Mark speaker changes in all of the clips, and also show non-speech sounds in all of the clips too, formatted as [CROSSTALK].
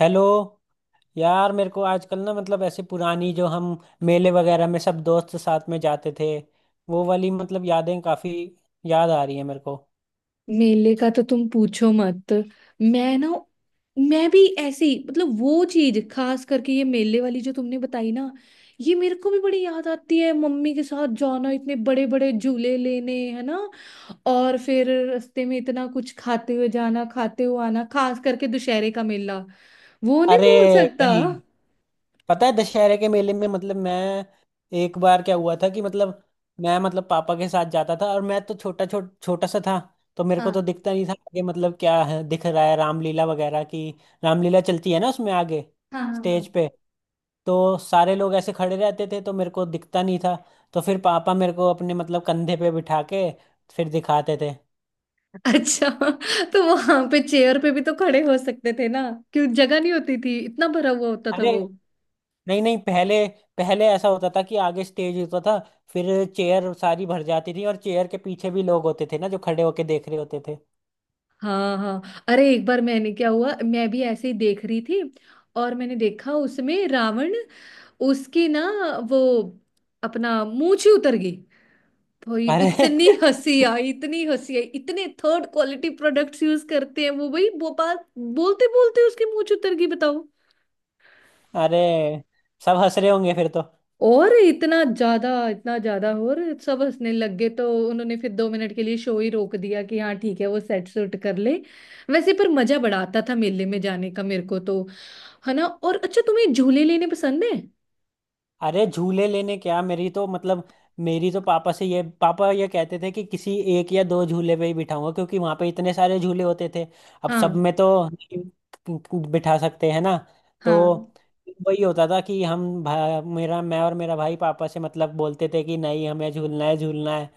Speaker 1: Hello. यार, मेरे को आजकल ना मतलब ऐसे पुरानी जो हम मेले वगैरह में सब दोस्त साथ में जाते थे वो वाली मतलब यादें काफी याद आ रही है मेरे को।
Speaker 2: मेले का तो तुम पूछो मत। मैं ना मैं भी ऐसी वो चीज खास करके ये मेले वाली जो तुमने बताई ना, ये मेरे को भी बड़ी याद आती है। मम्मी के साथ जाना, इतने बड़े बड़े झूले लेने, है ना। और फिर रास्ते में इतना कुछ खाते हुए जाना, खाते हुए आना, खास करके दुशहरे का मेला वो नहीं
Speaker 1: अरे
Speaker 2: भूल सकता।
Speaker 1: भाई, पता है दशहरे के मेले में मतलब मैं एक बार क्या हुआ था कि मतलब मैं मतलब पापा के साथ जाता था। और मैं तो छोटा छोटा छोटा सा था तो मेरे को
Speaker 2: हाँ
Speaker 1: तो दिखता नहीं था आगे, मतलब क्या है दिख रहा है, रामलीला वगैरह की। रामलीला चलती है ना उसमें आगे
Speaker 2: हाँ हाँ हाँ
Speaker 1: स्टेज पे। तो सारे लोग ऐसे खड़े रहते थे तो मेरे को दिखता नहीं था, तो फिर पापा मेरे को अपने मतलब कंधे पे बिठा के फिर दिखाते थे।
Speaker 2: अच्छा, तो वहां पे चेयर पे भी तो खड़े हो सकते थे ना। क्यों, जगह नहीं होती थी, इतना भरा हुआ होता था
Speaker 1: अरे,
Speaker 2: वो?
Speaker 1: नहीं नहीं, पहले पहले ऐसा होता था कि आगे स्टेज होता था, फिर चेयर सारी भर जाती थी और चेयर के पीछे भी लोग होते थे ना जो खड़े होके देख रहे होते थे।
Speaker 2: हाँ हाँ, अरे एक बार मैंने क्या हुआ, मैं भी ऐसे ही देख रही थी, और मैंने देखा उसमें रावण, उसकी ना वो अपना मूंछ ही उतर गई। भाई,
Speaker 1: अरे
Speaker 2: इतनी हंसी आई, इतनी हंसी आई, इतने थर्ड क्वालिटी प्रोडक्ट्स यूज करते हैं वो भाई। वो बात बोलते बोलते उसकी मूंछ उतर गई, बताओ।
Speaker 1: [LAUGHS] अरे, सब हंस रहे होंगे फिर तो।
Speaker 2: और इतना ज्यादा, इतना ज्यादा, और सब हंसने लग गए, तो उन्होंने फिर 2 मिनट के लिए शो ही रोक दिया, कि हाँ ठीक है, वो सेट सूट कर ले। वैसे पर मजा बड़ा आता था मेले में जाने का मेरे को तो, है ना। और अच्छा, तुम्हें झूले लेने पसंद है?
Speaker 1: अरे, झूले लेने क्या, मेरी तो मतलब मेरी तो पापा से ये पापा ये कहते थे कि किसी एक या दो झूले पे ही बिठाऊंगा, क्योंकि वहां पे इतने सारे झूले होते थे, अब सब
Speaker 2: हाँ
Speaker 1: में तो नहीं बिठा सकते हैं ना। तो
Speaker 2: हाँ
Speaker 1: वही होता था कि हम भा, मेरा मैं और मेरा भाई पापा से मतलब बोलते थे कि नहीं हमें झूलना है झूलना है,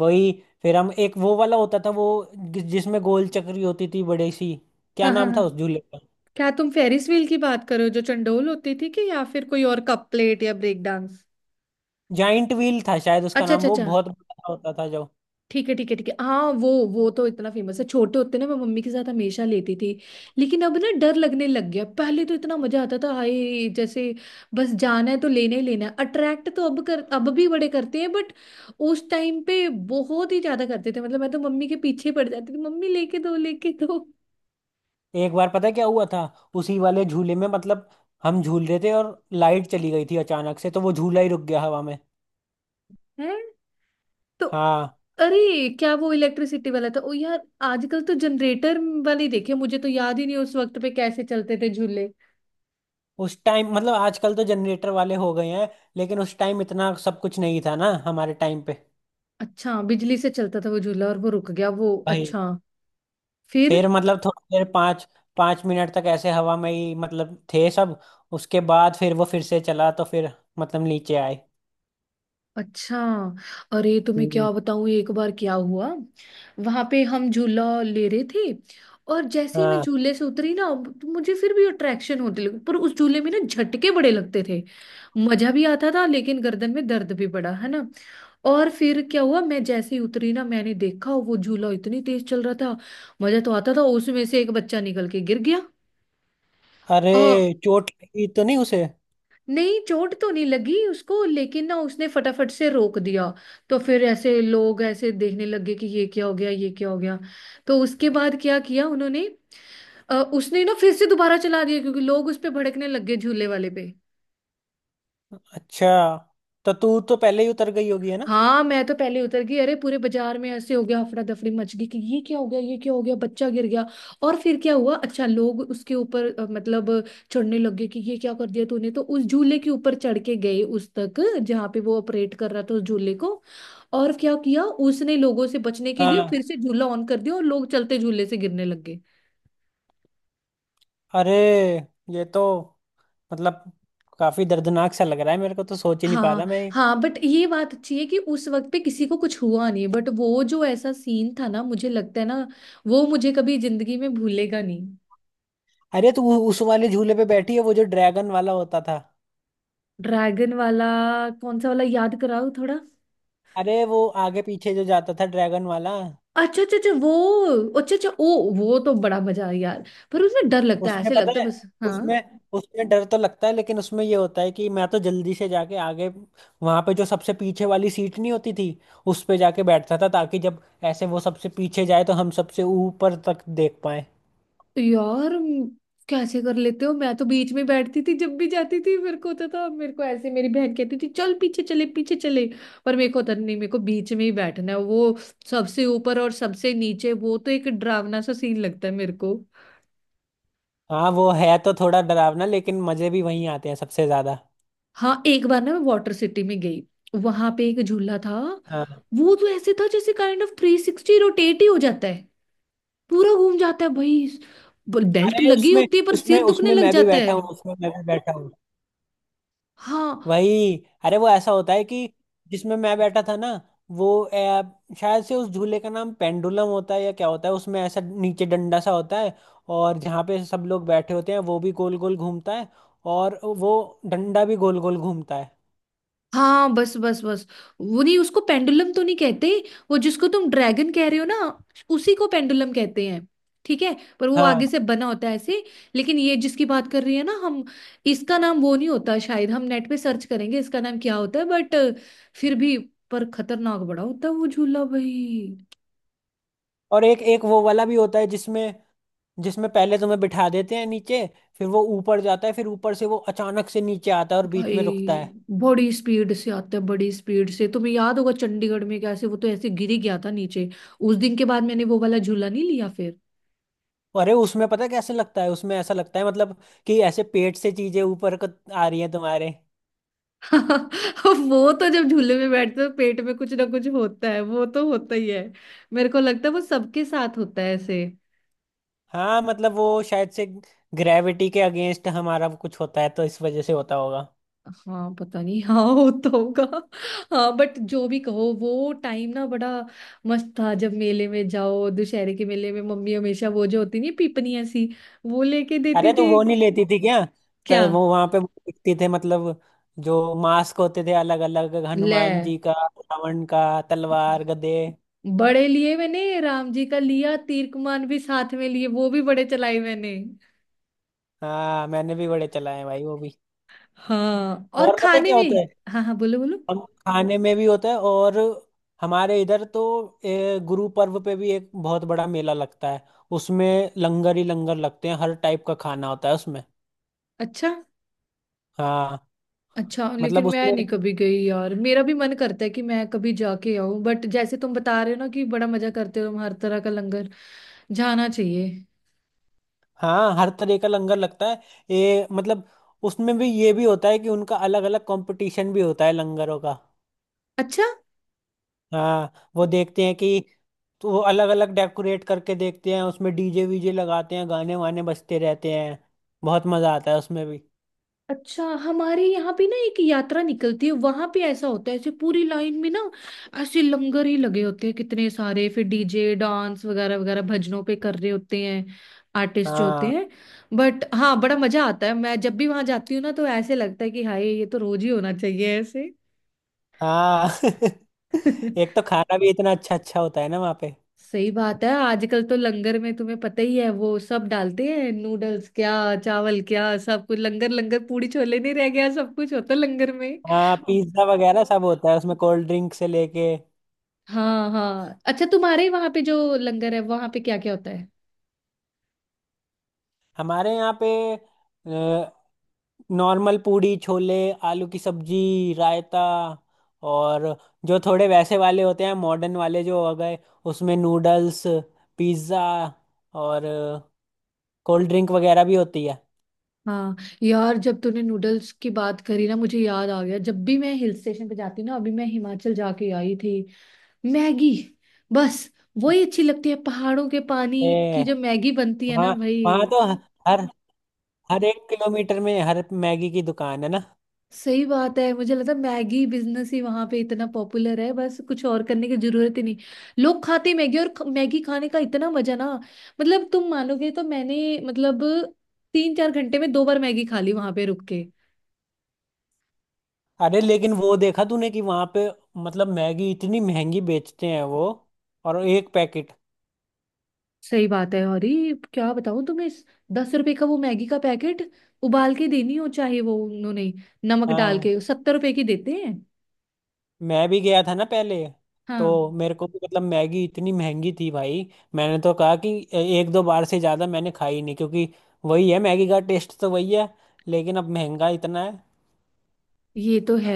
Speaker 1: वही। फिर हम एक वो वाला होता था वो जिसमें गोल चक्री होती थी बड़ी सी, क्या
Speaker 2: हाँ हाँ
Speaker 1: नाम था
Speaker 2: हाँ
Speaker 1: उस झूले का।
Speaker 2: क्या तुम फेरिस व्हील की बात करो, जो चंडोल होती थी कि, या फिर कोई और, कप प्लेट या ब्रेक डांस?
Speaker 1: जाइंट व्हील था शायद उसका
Speaker 2: अच्छा
Speaker 1: नाम,
Speaker 2: अच्छा
Speaker 1: वो
Speaker 2: अच्छा,
Speaker 1: बहुत बड़ा होता था जो।
Speaker 2: ठीक है ठीक है ठीक है, हाँ वो। वो तो इतना फेमस है, छोटे होते ना मैं मम्मी के साथ हमेशा लेती थी। लेकिन अब ना डर लगने लग गया, पहले तो इतना मजा आता था, हाय जैसे बस जाना है तो लेना ही लेना है। अट्रैक्ट तो अब कर, अब भी बड़े करते हैं बट उस टाइम पे बहुत ही ज्यादा करते थे, मतलब मैं तो मम्मी के पीछे पड़ जाती थी, मम्मी लेके दो, लेके दो।
Speaker 1: एक बार पता है क्या हुआ था, उसी वाले झूले में मतलब हम झूल रहे थे और लाइट चली गई थी अचानक से, तो वो झूला ही रुक गया हवा में।
Speaker 2: है तो?
Speaker 1: हाँ,
Speaker 2: अरे क्या वो इलेक्ट्रिसिटी वाला था, ओ यार। आजकल तो जनरेटर वाले देखे, मुझे तो याद ही नहीं उस वक्त पे कैसे चलते थे झूले।
Speaker 1: उस टाइम मतलब आजकल तो जनरेटर वाले हो गए हैं, लेकिन उस टाइम इतना सब कुछ नहीं था ना हमारे टाइम पे।
Speaker 2: अच्छा, बिजली से चलता था वो झूला, और वो रुक गया वो,
Speaker 1: भाई
Speaker 2: अच्छा। फिर?
Speaker 1: फिर मतलब थोड़ी देर पाँच पाँच मिनट तक ऐसे हवा में ही मतलब थे सब, उसके बाद फिर वो फिर से चला तो फिर मतलब नीचे आए।
Speaker 2: अच्छा, अरे तुम्हें
Speaker 1: हम्म।
Speaker 2: क्या बताऊं, एक बार क्या हुआ, वहां पे हम झूला ले रहे थे, और जैसे ही मैं
Speaker 1: हाँ।
Speaker 2: झूले से उतरी ना, तो मुझे फिर भी अट्रैक्शन होने लगी, पर उस झूले में ना झटके बड़े लगते थे। मजा भी आता था लेकिन गर्दन में दर्द भी बड़ा, है ना। और फिर क्या हुआ, मैं जैसे ही उतरी ना, मैंने देखा वो झूला इतनी तेज चल रहा था, मजा तो आता था, उसमें से एक बच्चा निकल के गिर गया।
Speaker 1: अरे, चोट लगी तो नहीं उसे?
Speaker 2: नहीं, चोट तो नहीं लगी उसको, लेकिन ना उसने फटाफट से रोक दिया। तो फिर ऐसे लोग ऐसे देखने लगे कि ये क्या हो गया, ये क्या हो गया। तो उसके बाद क्या किया उन्होंने, उसने ना फिर से दोबारा चला दिया, क्योंकि लोग उस पे भड़कने लग गए, झूले वाले पे।
Speaker 1: अच्छा, तो तू तो पहले ही उतर गई होगी है ना।
Speaker 2: हाँ मैं तो पहले उतर गई, अरे पूरे बाजार में ऐसे हो गया, अफरा दफरी मच गई कि ये क्या हो गया, ये क्या हो गया, बच्चा गिर गया। और फिर क्या हुआ, अच्छा लोग उसके ऊपर चढ़ने लग गए, कि ये क्या कर दिया तूने, तो उस झूले के ऊपर चढ़ के गए उस तक, जहाँ पे वो ऑपरेट कर रहा था उस झूले को। और क्या किया उसने, लोगों से बचने के लिए फिर
Speaker 1: हाँ।
Speaker 2: से झूला ऑन कर दिया, और लोग चलते झूले से गिरने लग गए।
Speaker 1: अरे, ये तो मतलब काफी दर्दनाक सा लग रहा है, मेरे को तो सोच ही नहीं पा रहा
Speaker 2: हाँ
Speaker 1: मैं।
Speaker 2: हाँ, बट ये बात अच्छी है कि उस वक्त पे किसी को कुछ हुआ नहीं, बट वो जो ऐसा सीन था ना, मुझे लगता है ना, वो मुझे कभी जिंदगी में भूलेगा नहीं।
Speaker 1: अरे, तू उस वाले झूले पे बैठी है, वो जो ड्रैगन वाला होता था?
Speaker 2: ड्रैगन वाला? कौन सा वाला, याद कराओ थोड़ा।
Speaker 1: अरे, वो आगे पीछे जो जाता था ड्रैगन वाला।
Speaker 2: अच्छा अच्छा अच्छा वो, अच्छा अच्छा, ओ वो तो बड़ा मजा आया यार। पर उसमें डर लगता है,
Speaker 1: उसमें
Speaker 2: ऐसे
Speaker 1: पता
Speaker 2: लगता है
Speaker 1: है,
Speaker 2: बस, हाँ।
Speaker 1: उसमें, उसमें डर तो लगता है लेकिन उसमें ये होता है कि मैं तो जल्दी से जाके आगे वहां पे जो सबसे पीछे वाली सीट नहीं होती थी उस पे जाके बैठता था, ताकि जब ऐसे वो सबसे पीछे जाए तो हम सबसे ऊपर तक देख पाए।
Speaker 2: यार कैसे कर लेते हो, मैं तो बीच में बैठती थी जब भी जाती थी। मेरे को होता था, मेरे को ऐसे, मेरी बहन कहती थी चल पीछे चले, पीछे चले, पर मेरे को होता नहीं, मेरे को बीच में ही बैठना है। वो सबसे ऊपर और सबसे नीचे, वो तो एक डरावना सा सीन लगता है मेरे को।
Speaker 1: हाँ, वो है तो थोड़ा डरावना लेकिन मजे भी वहीं आते हैं सबसे ज्यादा।
Speaker 2: हाँ, एक बार ना मैं वाटर सिटी में गई, वहां पे एक झूला था,
Speaker 1: हाँ।
Speaker 2: वो तो ऐसे था जैसे काइंड ऑफ 360 रोटेट ही हो जाता है। पूरा घूम जाता है भाई, बेल्ट
Speaker 1: अरे,
Speaker 2: लगी
Speaker 1: उसमें
Speaker 2: होती है, पर
Speaker 1: उसमें
Speaker 2: सिर दुखने
Speaker 1: उसमें
Speaker 2: लग
Speaker 1: मैं भी
Speaker 2: जाता है।
Speaker 1: बैठा हूँ, उसमें मैं भी बैठा हूँ,
Speaker 2: हाँ,
Speaker 1: वही। अरे, वो ऐसा होता है कि जिसमें मैं बैठा था ना, वो शायद से उस झूले का नाम पेंडुलम होता है या क्या होता है, उसमें ऐसा नीचे डंडा सा होता है, और जहाँ पे सब लोग बैठे होते हैं वो भी गोल गोल घूमता है, और वो डंडा भी गोल गोल घूमता है।
Speaker 2: हाँ बस बस बस, वो नहीं, उसको पेंडुलम तो नहीं कहते। वो जिसको तुम ड्रैगन कह रहे हो ना, उसी को पेंडुलम कहते हैं, ठीक है। पर वो
Speaker 1: हाँ,
Speaker 2: आगे से बना होता है ऐसे। लेकिन ये जिसकी बात कर रही है ना हम, इसका नाम वो नहीं होता शायद, हम नेट पे सर्च करेंगे इसका नाम क्या होता है बट, फिर भी, पर खतरनाक बड़ा होता है वो झूला भाई।
Speaker 1: और एक एक वो वाला भी होता है जिसमें जिसमें पहले तुम्हें बिठा देते हैं नीचे, फिर वो ऊपर जाता है, फिर ऊपर से वो अचानक से नीचे आता है और बीच
Speaker 2: भाई
Speaker 1: में रुकता है।
Speaker 2: बड़ी स्पीड से आता है, बड़ी स्पीड से, तुम्हें याद होगा चंडीगढ़ में कैसे वो तो ऐसे गिर ही गया था नीचे। उस दिन के बाद मैंने वो वाला झूला नहीं लिया फिर।
Speaker 1: अरे, उसमें पता है कैसे लगता है, उसमें ऐसा लगता है मतलब कि ऐसे पेट से चीजें ऊपर आ रही हैं तुम्हारे।
Speaker 2: [LAUGHS] हाँ, वो तो जब झूले में बैठते हो पेट में कुछ ना कुछ होता है, वो तो होता ही है। मेरे को लगता है वो सबके साथ होता है ऐसे।
Speaker 1: हाँ, मतलब वो शायद से ग्रेविटी के अगेंस्ट हमारा कुछ होता है तो इस वजह से होता होगा।
Speaker 2: हाँ पता नहीं [LAUGHS] हाँ, होता होगा। हाँ बट जो भी कहो, वो टाइम ना बड़ा मस्त था। जब मेले में जाओ दुशहरे के मेले में, मम्मी हमेशा वो जो होती नहीं पीपनी ऐसी, वो लेके देती
Speaker 1: अरे, तो
Speaker 2: थी।
Speaker 1: वो नहीं लेती थी क्या? तो
Speaker 2: क्या
Speaker 1: वो वहां पे दिखते थे मतलब जो मास्क होते थे अलग अलग, हनुमान
Speaker 2: ले?
Speaker 1: जी का, रावण का, तलवार, गदे।
Speaker 2: बड़े लिए, मैंने राम जी का लिया, तीर कमान भी साथ में लिए, वो भी बड़े चलाए मैंने।
Speaker 1: हाँ, मैंने भी बड़े चलाए हैं भाई वो भी।
Speaker 2: हाँ, और
Speaker 1: और पता है
Speaker 2: खाने
Speaker 1: क्या
Speaker 2: में?
Speaker 1: होता है,
Speaker 2: हाँ हाँ बोलो बोलो।
Speaker 1: हम खाने में भी होता है, और हमारे इधर तो गुरु पर्व पे भी एक बहुत बड़ा मेला लगता है, उसमें लंगर ही लंगर लगते हैं, हर टाइप का खाना होता है उसमें।
Speaker 2: अच्छा,
Speaker 1: हाँ,
Speaker 2: अच्छा
Speaker 1: मतलब
Speaker 2: लेकिन मैं
Speaker 1: उसमें,
Speaker 2: नहीं कभी गई यार, मेरा भी मन करता है कि मैं कभी जाके आऊं, बट जैसे तुम बता रहे हो ना कि बड़ा मजा करते हो तुम, हर तरह का लंगर, जाना चाहिए।
Speaker 1: हाँ, हर तरह का लंगर लगता है, ये मतलब उसमें भी ये भी होता है कि उनका अलग अलग कंपटीशन भी होता है लंगरों का।
Speaker 2: अच्छा।
Speaker 1: हाँ, वो देखते हैं कि, तो वो अलग अलग डेकोरेट करके देखते हैं, उसमें डीजे वीजे लगाते हैं, गाने वाने बजते रहते हैं। बहुत मजा आता है उसमें भी।
Speaker 2: अच्छा, हमारे यहाँ पे ना एक यात्रा निकलती है, वहां पे ऐसा होता है ऐसे पूरी लाइन में ना, ऐसे लंगर ही लगे होते हैं कितने सारे, फिर डीजे डांस वगैरह वगैरह भजनों पे कर रहे होते हैं आर्टिस्ट जो होते
Speaker 1: हाँ
Speaker 2: हैं। बट हाँ बड़ा मजा आता है, मैं जब भी वहां जाती हूँ ना तो ऐसे लगता है कि हाय, ये तो रोज ही होना चाहिए ऐसे।
Speaker 1: हाँ [LAUGHS] एक
Speaker 2: [LAUGHS]
Speaker 1: तो खाना भी इतना अच्छा अच्छा होता है ना वहाँ पे।
Speaker 2: सही बात है। आजकल तो लंगर में, तुम्हें पता ही है, वो सब डालते हैं, नूडल्स क्या, चावल क्या, सब कुछ। लंगर लंगर पूड़ी छोले नहीं रह गया, सब कुछ होता है लंगर में।
Speaker 1: हाँ, पिज्जा वगैरह सब होता है उसमें, कोल्ड ड्रिंक से लेके।
Speaker 2: हाँ हाँ, अच्छा तुम्हारे वहां पे जो लंगर है वहां पे क्या क्या होता है?
Speaker 1: हमारे यहाँ पे नॉर्मल पूड़ी छोले, आलू की सब्जी, रायता, और जो थोड़े वैसे वाले होते हैं मॉडर्न वाले जो हो गए, उसमें नूडल्स, पिज्जा, और कोल्ड ड्रिंक वगैरह भी होती है।
Speaker 2: हाँ, यार जब तूने नूडल्स की बात करी ना, मुझे याद आ गया, जब भी मैं हिल स्टेशन पे जाती हूँ ना, अभी मैं हिमाचल जाके आई थी। मैगी, बस वही अच्छी लगती है, पहाड़ों के पानी की
Speaker 1: ए,
Speaker 2: जो मैगी बनती है ना
Speaker 1: वहाँ
Speaker 2: भाई।
Speaker 1: वहाँ तो हर हर एक किलोमीटर में हर मैगी की दुकान है ना।
Speaker 2: सही बात है, मुझे लगता है मैगी बिजनेस ही वहां पे इतना पॉपुलर है, बस कुछ और करने की जरूरत ही नहीं। लोग खाते मैगी, और मैगी खाने का इतना मजा ना, मतलब तुम मानोगे तो, मैंने 3 4 घंटे में दो बार मैगी खा ली, वहां पे रुक के।
Speaker 1: अरे, लेकिन वो देखा तूने कि वहां पे मतलब मैगी इतनी महंगी बेचते हैं वो, और एक पैकेट।
Speaker 2: सही बात है, और ये क्या बताऊं तुम्हें, इस 10 रुपए का वो मैगी का पैकेट उबाल के देनी हो, चाहे वो, उन्होंने नमक डाल
Speaker 1: हाँ,
Speaker 2: के 70 रुपए की देते हैं।
Speaker 1: मैं भी गया था ना पहले, तो
Speaker 2: हाँ
Speaker 1: मेरे को भी मतलब मैगी इतनी महंगी थी भाई, मैंने तो कहा कि एक दो बार से ज्यादा मैंने खाई नहीं, क्योंकि वही है मैगी का टेस्ट तो वही है, लेकिन अब महंगा इतना है।
Speaker 2: ये तो है,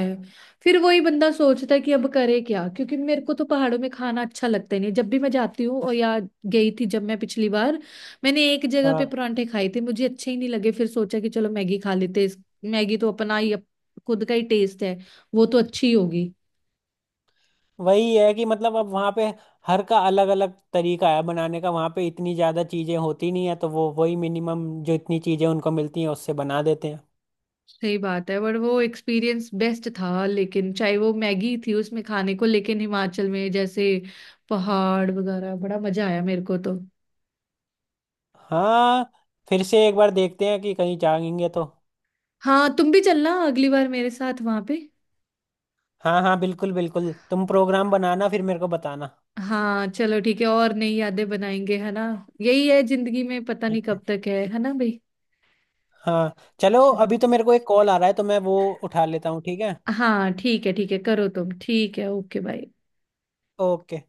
Speaker 2: फिर वही बंदा सोचता है कि अब करे क्या, क्योंकि मेरे को तो पहाड़ों में खाना अच्छा लगता ही नहीं जब भी मैं जाती हूँ, और या गई थी जब मैं पिछली बार, मैंने एक जगह पे
Speaker 1: हाँ,
Speaker 2: परांठे खाए थे, मुझे अच्छे ही नहीं लगे, फिर सोचा कि चलो मैगी खा लेते हैं। मैगी तो अपना ही खुद का ही टेस्ट है, वो तो अच्छी होगी।
Speaker 1: वही है कि मतलब अब वहाँ पे हर का अलग अलग तरीका है बनाने का, वहाँ पे इतनी ज्यादा चीजें होती नहीं है तो वो वही मिनिमम जो इतनी चीजें उनको मिलती हैं उससे बना देते हैं।
Speaker 2: सही बात है, बट वो एक्सपीरियंस बेस्ट था, लेकिन चाहे वो मैगी थी उसमें खाने को, लेकिन हिमाचल में जैसे पहाड़ वगैरह, बड़ा मजा आया मेरे को तो।
Speaker 1: हाँ, फिर से एक बार देखते हैं कि कहीं जाएंगे तो।
Speaker 2: हाँ, तुम भी चलना अगली बार मेरे साथ वहां पे।
Speaker 1: हाँ हाँ, बिल्कुल बिल्कुल, तुम प्रोग्राम बनाना फिर मेरे को बताना।
Speaker 2: हाँ चलो ठीक है, और नई यादें बनाएंगे, है ना। यही है जिंदगी में, पता नहीं
Speaker 1: ठीक है।
Speaker 2: कब तक है ना भाई।
Speaker 1: हाँ, चलो
Speaker 2: अच्छा,
Speaker 1: अभी तो मेरे को एक कॉल आ रहा है तो मैं वो उठा लेता हूँ, ठीक है।
Speaker 2: हाँ ठीक है ठीक है, करो तुम, ठीक है, ओके बाय।
Speaker 1: ओके।